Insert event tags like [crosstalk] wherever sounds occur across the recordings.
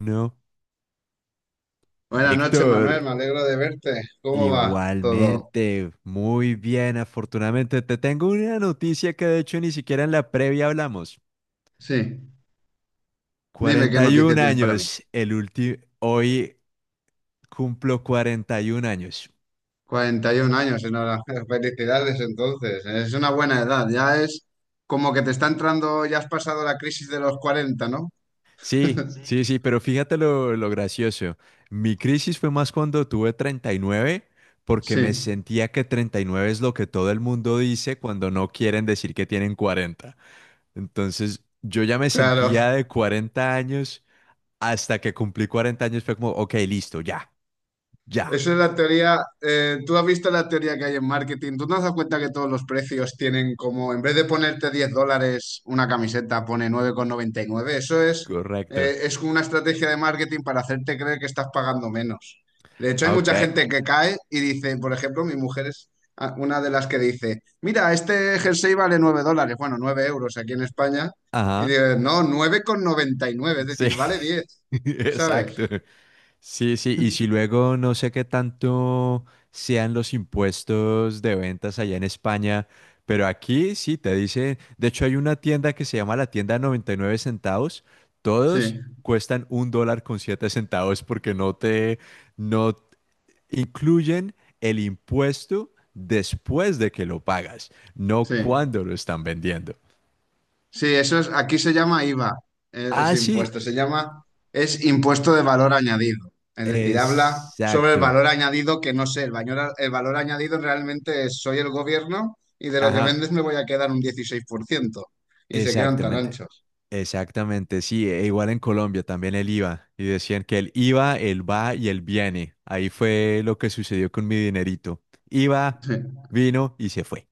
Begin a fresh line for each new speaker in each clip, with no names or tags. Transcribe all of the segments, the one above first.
No,
Buenas noches, Manuel,
Víctor,
me alegro de verte. ¿Cómo va todo?
igualmente, muy bien, afortunadamente te tengo una noticia que de hecho ni siquiera en la previa hablamos.
Sí, dime qué
41
noticia tienes para mí.
años, el último, hoy cumplo 41 años.
41 años, enhorabuena. [laughs] Felicidades entonces. Es una buena edad, ya es como que te está entrando, ya has pasado la crisis de los 40, ¿no?
Sí,
[laughs]
sí, sí, pero fíjate lo gracioso. Mi crisis fue más cuando tuve treinta y nueve, porque
Sí,
me sentía que 39 es lo que todo el mundo dice cuando no quieren decir que tienen 40. Entonces, yo ya me
claro.
sentía de 40 años. Hasta que cumplí 40 años fue como, ok, listo, ya, ya.
Esa es la teoría. Tú has visto la teoría que hay en marketing. ¿Tú no has dado cuenta que todos los precios tienen como, en vez de ponerte $10 una camiseta, pone 9,99? Eso
Correcto.
es una estrategia de marketing para hacerte creer que estás pagando menos. De hecho, hay
Ok,
mucha gente que cae y dice, por ejemplo, mi mujer es ah, una de las que dice, mira, este jersey vale $9, bueno, 9 € aquí en España. Y
ajá.
digo, no, 9,99. Es
Sí,
decir, vale 10,
[laughs]
¿sabes?
exacto. Sí, sí, y si luego no sé qué tanto sean los impuestos de ventas allá en España, pero aquí sí te dicen, de hecho hay una tienda que se llama la tienda 99 centavos, todos
Sí,
cuestan un dólar con siete centavos, porque no te, no incluyen el impuesto después de que lo pagas, no
sí.
cuando lo están vendiendo.
Sí, eso es, aquí se llama IVA, ese
Así,
impuesto, se llama, es impuesto de valor añadido. Es decir, habla sobre el
exacto.
valor añadido que no sé, el valor añadido realmente es soy el gobierno y de lo que
Ajá,
vendes me voy a quedar un 16%. Y se quedan tan
exactamente.
anchos.
Exactamente, sí, e igual en Colombia también el IVA. Y decían que el IVA, el va y el viene. Ahí fue lo que sucedió con mi dinerito. IVA, vino y se fue.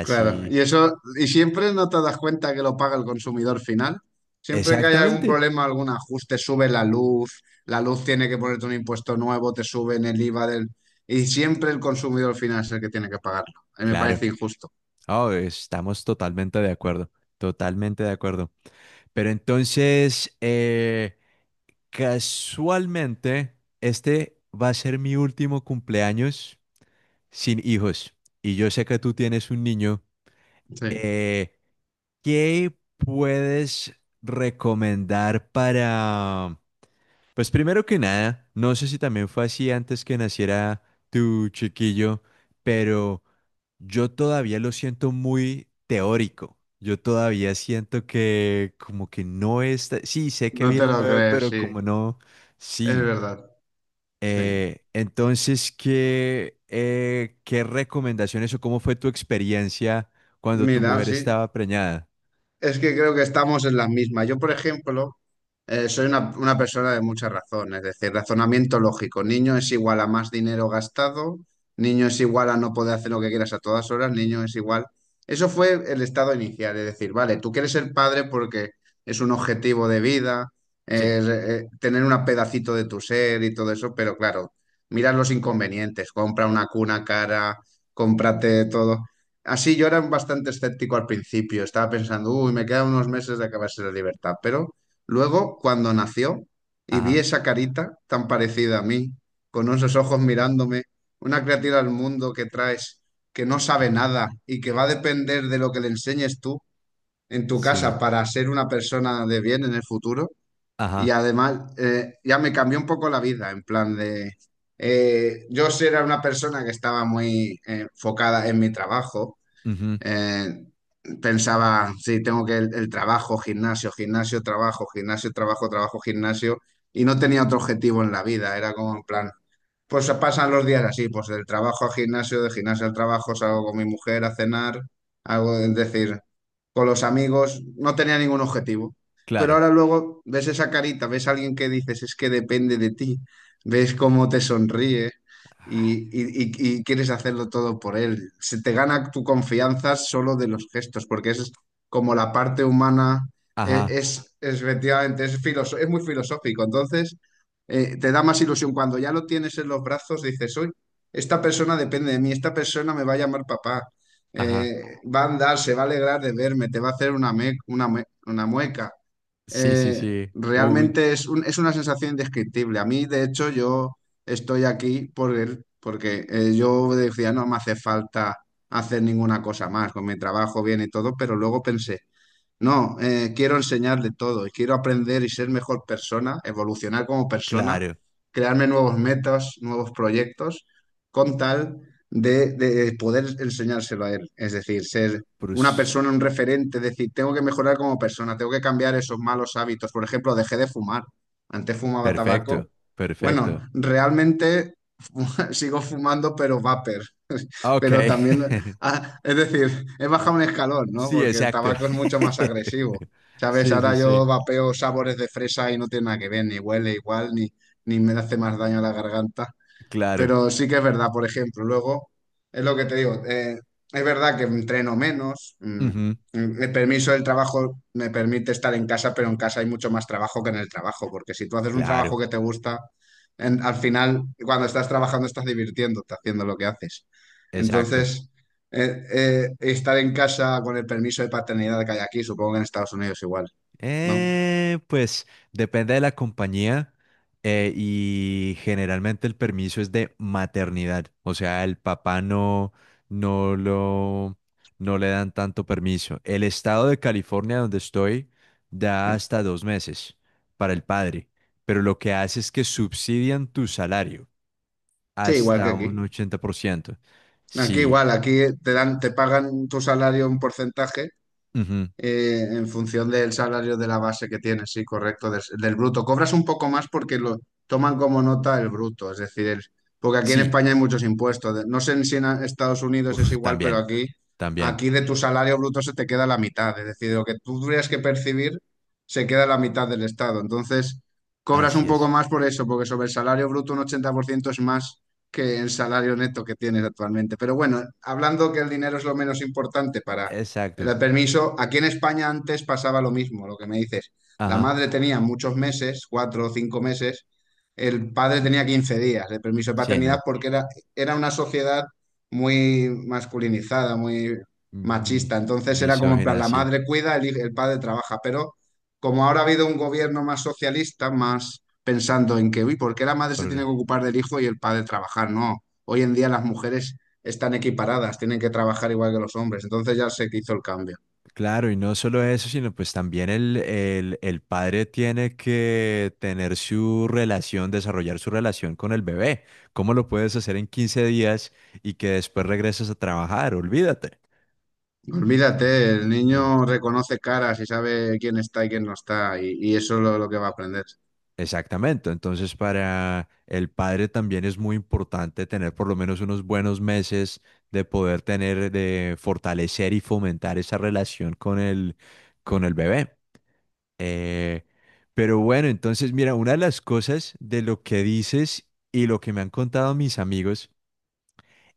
Claro, y eso, y siempre no te das cuenta que lo paga el consumidor final. Siempre que hay algún
exactamente.
problema, algún ajuste, sube la luz tiene que ponerte un impuesto nuevo, te suben el IVA del... Y siempre el consumidor final es el que tiene que pagarlo. A mí me
Claro.
parece injusto.
Oh, estamos totalmente de acuerdo. Totalmente de acuerdo. Pero entonces, casualmente, este va a ser mi último cumpleaños sin hijos. Y yo sé que tú tienes un niño.
Sí.
Eh, ¿Qué puedes recomendar para, pues primero que nada, no sé si también fue así antes que naciera tu chiquillo, pero yo todavía lo siento muy teórico? Yo todavía siento que como que no está... Sí, sé que
No te
viene un
lo
bebé,
crees,
pero
sí.
como no,
Es
sí.
verdad. Sí.
Entonces, ¿qué, qué recomendaciones o cómo fue tu experiencia cuando tu
Mira,
mujer
sí.
estaba preñada?
Es que creo que estamos en las mismas. Yo, por ejemplo, soy una persona de mucha razón, es decir, razonamiento lógico. Niño es igual a más dinero gastado, niño es igual a no poder hacer lo que quieras a todas horas, niño es igual. Eso fue el estado inicial, es decir, vale, tú quieres ser padre porque es un objetivo de vida,
Sí.
es, tener un pedacito de tu ser y todo eso, pero claro, miras los inconvenientes, compra una cuna cara, cómprate todo. Así yo era bastante escéptico al principio, estaba pensando, uy, me quedan unos meses de acabarse la libertad, pero luego cuando nació y vi
Ajá.
esa carita tan parecida a mí, con esos ojos mirándome, una criatura al mundo que traes, que no
Ah.
sabe nada y que va a depender de lo que le enseñes tú en tu
Sí.
casa para ser una persona de bien en el futuro, y
Ajá.
además ya me cambió un poco la vida, en plan de... yo sí era una persona que estaba muy enfocada en mi trabajo.
Ujú.
eh, pensaba, sí, tengo que el trabajo, gimnasio, gimnasio, trabajo, trabajo, gimnasio, y no tenía otro objetivo en la vida, era como en plan, pues pasan los días así, pues del trabajo al gimnasio, del gimnasio al trabajo, salgo con mi mujer a cenar, algo, es decir, con los amigos, no tenía ningún objetivo. Pero
Claro.
ahora luego ves esa carita, ves a alguien que dices, es que depende de ti, ves cómo te sonríe y,
Ah.
y quieres hacerlo todo por él. Se te gana tu confianza solo de los gestos, porque es como la parte humana,
Ajá.
efectivamente, es, es muy filosófico. Entonces te da más ilusión. Cuando ya lo tienes en los brazos, dices, hoy, esta persona depende de mí, esta persona me va a llamar papá,
Ajá.
eh, va a andar, se va a alegrar de verme, te va a hacer una, una, una mueca.
Sí, sí,
Eh,
sí. Un
realmente es, es una sensación indescriptible. A mí, de hecho, yo estoy aquí por él, porque yo decía, no me hace falta hacer ninguna cosa más, con mi trabajo bien y todo, pero luego pensé, no, quiero enseñarle todo y quiero aprender y ser mejor persona, evolucionar como persona,
claro.
crearme nuevos metas, nuevos proyectos, con tal de poder enseñárselo a él. Es decir, ser una
Prus-
persona, un referente, decir, tengo que mejorar como persona, tengo que cambiar esos malos hábitos. Por ejemplo, dejé de fumar. Antes fumaba tabaco.
perfecto, perfecto.
Bueno, realmente [laughs] sigo fumando, pero vapor. [laughs]
Ok.
Pero también
[laughs]
ah, es decir, he bajado un escalón, ¿no?
Sí,
Porque el
exacto.
tabaco es mucho más agresivo.
[laughs]
¿Sabes?
Sí, sí,
Ahora yo
sí.
vapeo sabores de fresa y no tiene nada que ver, ni huele igual, ni, ni me hace más daño a la garganta.
Claro.
Pero sí que es verdad, por ejemplo, luego es lo que te digo, es verdad que entreno menos,
Ujú.
el permiso del trabajo me permite estar en casa, pero en casa hay mucho más trabajo que en el trabajo, porque si tú haces un
Claro,
trabajo que te gusta, al final cuando estás trabajando estás divirtiéndote haciendo lo que haces.
exacto.
Entonces, estar en casa con el permiso de paternidad que hay aquí, supongo que en Estados Unidos igual, ¿no?
Pues depende de la compañía, y generalmente el permiso es de maternidad, o sea, el papá no, no lo, no le dan tanto permiso. El estado de California donde estoy da hasta 2 meses para el padre, pero lo que hace es que subsidian tu salario
Sí, igual que
hasta un
aquí.
80%.
Aquí
Sí,
igual, aquí te dan, te pagan tu salario un porcentaje.
ujú,
En función del salario de la base que tienes, sí, correcto, del bruto. Cobras un poco más porque lo toman como nota el bruto, es decir, porque aquí en
sí,
España hay muchos impuestos. No sé si Estados Unidos es
uf,
igual, pero
también,
aquí,
también,
aquí de tu salario bruto se te queda la mitad, es decir, lo que tú tendrías que percibir se queda la mitad del Estado. Entonces, cobras un
así
poco
es,
más por eso, porque sobre el salario bruto un 80% es más que el salario neto que tienes actualmente. Pero bueno, hablando que el dinero es lo menos importante para
exacto.
el permiso, aquí en España antes pasaba lo mismo, lo que me dices. La
Ajá.
madre tenía muchos meses, 4 o 5 meses, el padre tenía 15 días de permiso de
Sí,
paternidad
no.
porque era, era una sociedad muy masculinizada, muy
Mm, mi-
machista. Entonces era como en plan,
misógena,
la
sí.
madre cuida, el, el padre trabaja. Pero como ahora ha habido un gobierno más socialista, más pensando en que, uy, ¿por qué la madre se
Por-
tiene que ocupar del hijo y el padre trabajar? No, hoy en día las mujeres están equiparadas, tienen que trabajar igual que los hombres. Entonces ya sé que hizo el cambio.
claro, y no solo eso, sino pues también el padre tiene que tener su relación, desarrollar su relación con el bebé. ¿Cómo lo puedes hacer en 15 días y que después regreses a trabajar? Olvídate. Entonces,
Olvídate, el
sí.
niño reconoce caras y sabe quién está y quién no está, y eso es lo que va a aprender.
Exactamente. Entonces, para el padre también es muy importante tener por lo menos unos buenos meses de poder tener, de fortalecer y fomentar esa relación con el bebé. Eh, pero bueno, entonces, mira, una de las cosas de lo que dices y lo que me han contado mis amigos.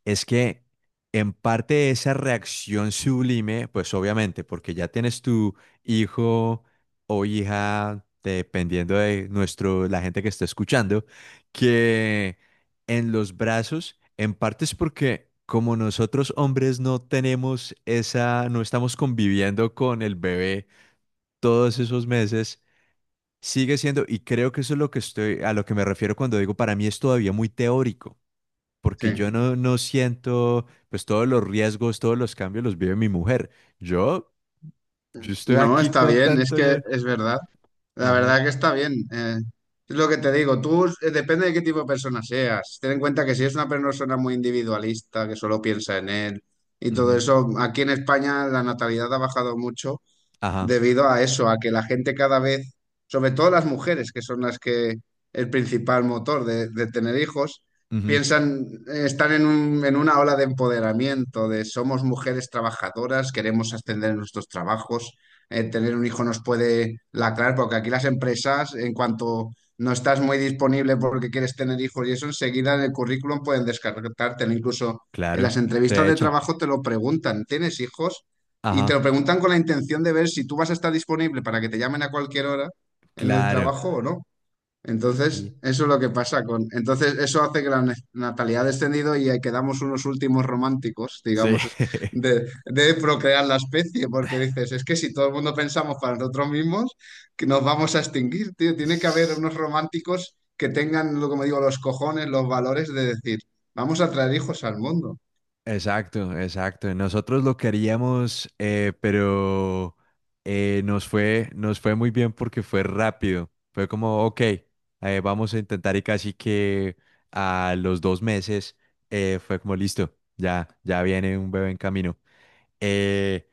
Es que en parte esa reacción sublime, pues obviamente, porque ya tienes tu hijo o hija, dependiendo de nuestro, la gente que está escuchando, que en los brazos, en parte es porque como nosotros hombres no tenemos esa, no estamos conviviendo con el bebé todos esos meses, sigue siendo, y creo que eso es lo que estoy, a lo que me refiero cuando digo, para mí es todavía muy teórico porque yo
Sí.
no, no siento, pues todos los riesgos, todos los cambios los vive mi mujer. Yo, yo estoy
No,
aquí
está
con
bien, es
tanto...
que
ya-
es verdad. La
ajá,
verdad que está bien. Es lo que te digo, tú depende de qué tipo de persona seas. Ten en cuenta que si es una persona muy individualista, que solo piensa en él y todo
ujú,
eso, aquí en España la natalidad ha bajado mucho
ajá,
debido a eso, a que la gente cada vez, sobre todo las mujeres, que son las que el principal motor de tener hijos,
ujú,
piensan, están en en una ola de empoderamiento, de somos mujeres trabajadoras, queremos ascender en nuestros trabajos, tener un hijo nos puede lacrar, porque aquí las empresas, en cuanto no estás muy disponible porque quieres tener hijos y eso, enseguida en el currículum pueden descartártelo, incluso en
claro,
las entrevistas
te
de
echan.
trabajo te lo preguntan, ¿tienes hijos? Y te
Ajá,
lo preguntan con la intención de ver si tú vas a estar disponible para que te llamen a cualquier hora en el
claro.
trabajo o no.
Sí,
Entonces, eso es lo que pasa con... Entonces, eso hace que la natalidad ha descendido y ahí quedamos unos últimos románticos,
sí.
digamos, de procrear la especie, porque
[laughs]
dices, es que si todo el mundo pensamos para nosotros mismos, que nos vamos a extinguir, tío. Tiene que haber unos
[laughs]
románticos que tengan, lo como digo, los cojones, los valores de decir, vamos a traer hijos al mundo.
Exacto, exacto. Nosotros lo queríamos, pero nos fue muy bien porque fue rápido. Fue como, ok, vamos a intentar y casi que a los 2 meses fue como listo, ya, ya viene un bebé en camino. Eh,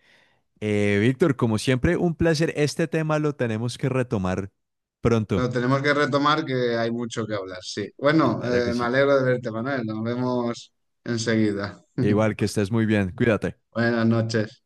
Víctor, como siempre, un placer. Este tema lo tenemos que retomar pronto.
Lo tenemos que retomar que hay mucho que hablar, sí. Bueno,
Claro que
me
sí.
alegro de verte, Manuel. Nos vemos enseguida.
Igual que
[laughs]
estés muy bien, cuídate.
Buenas noches.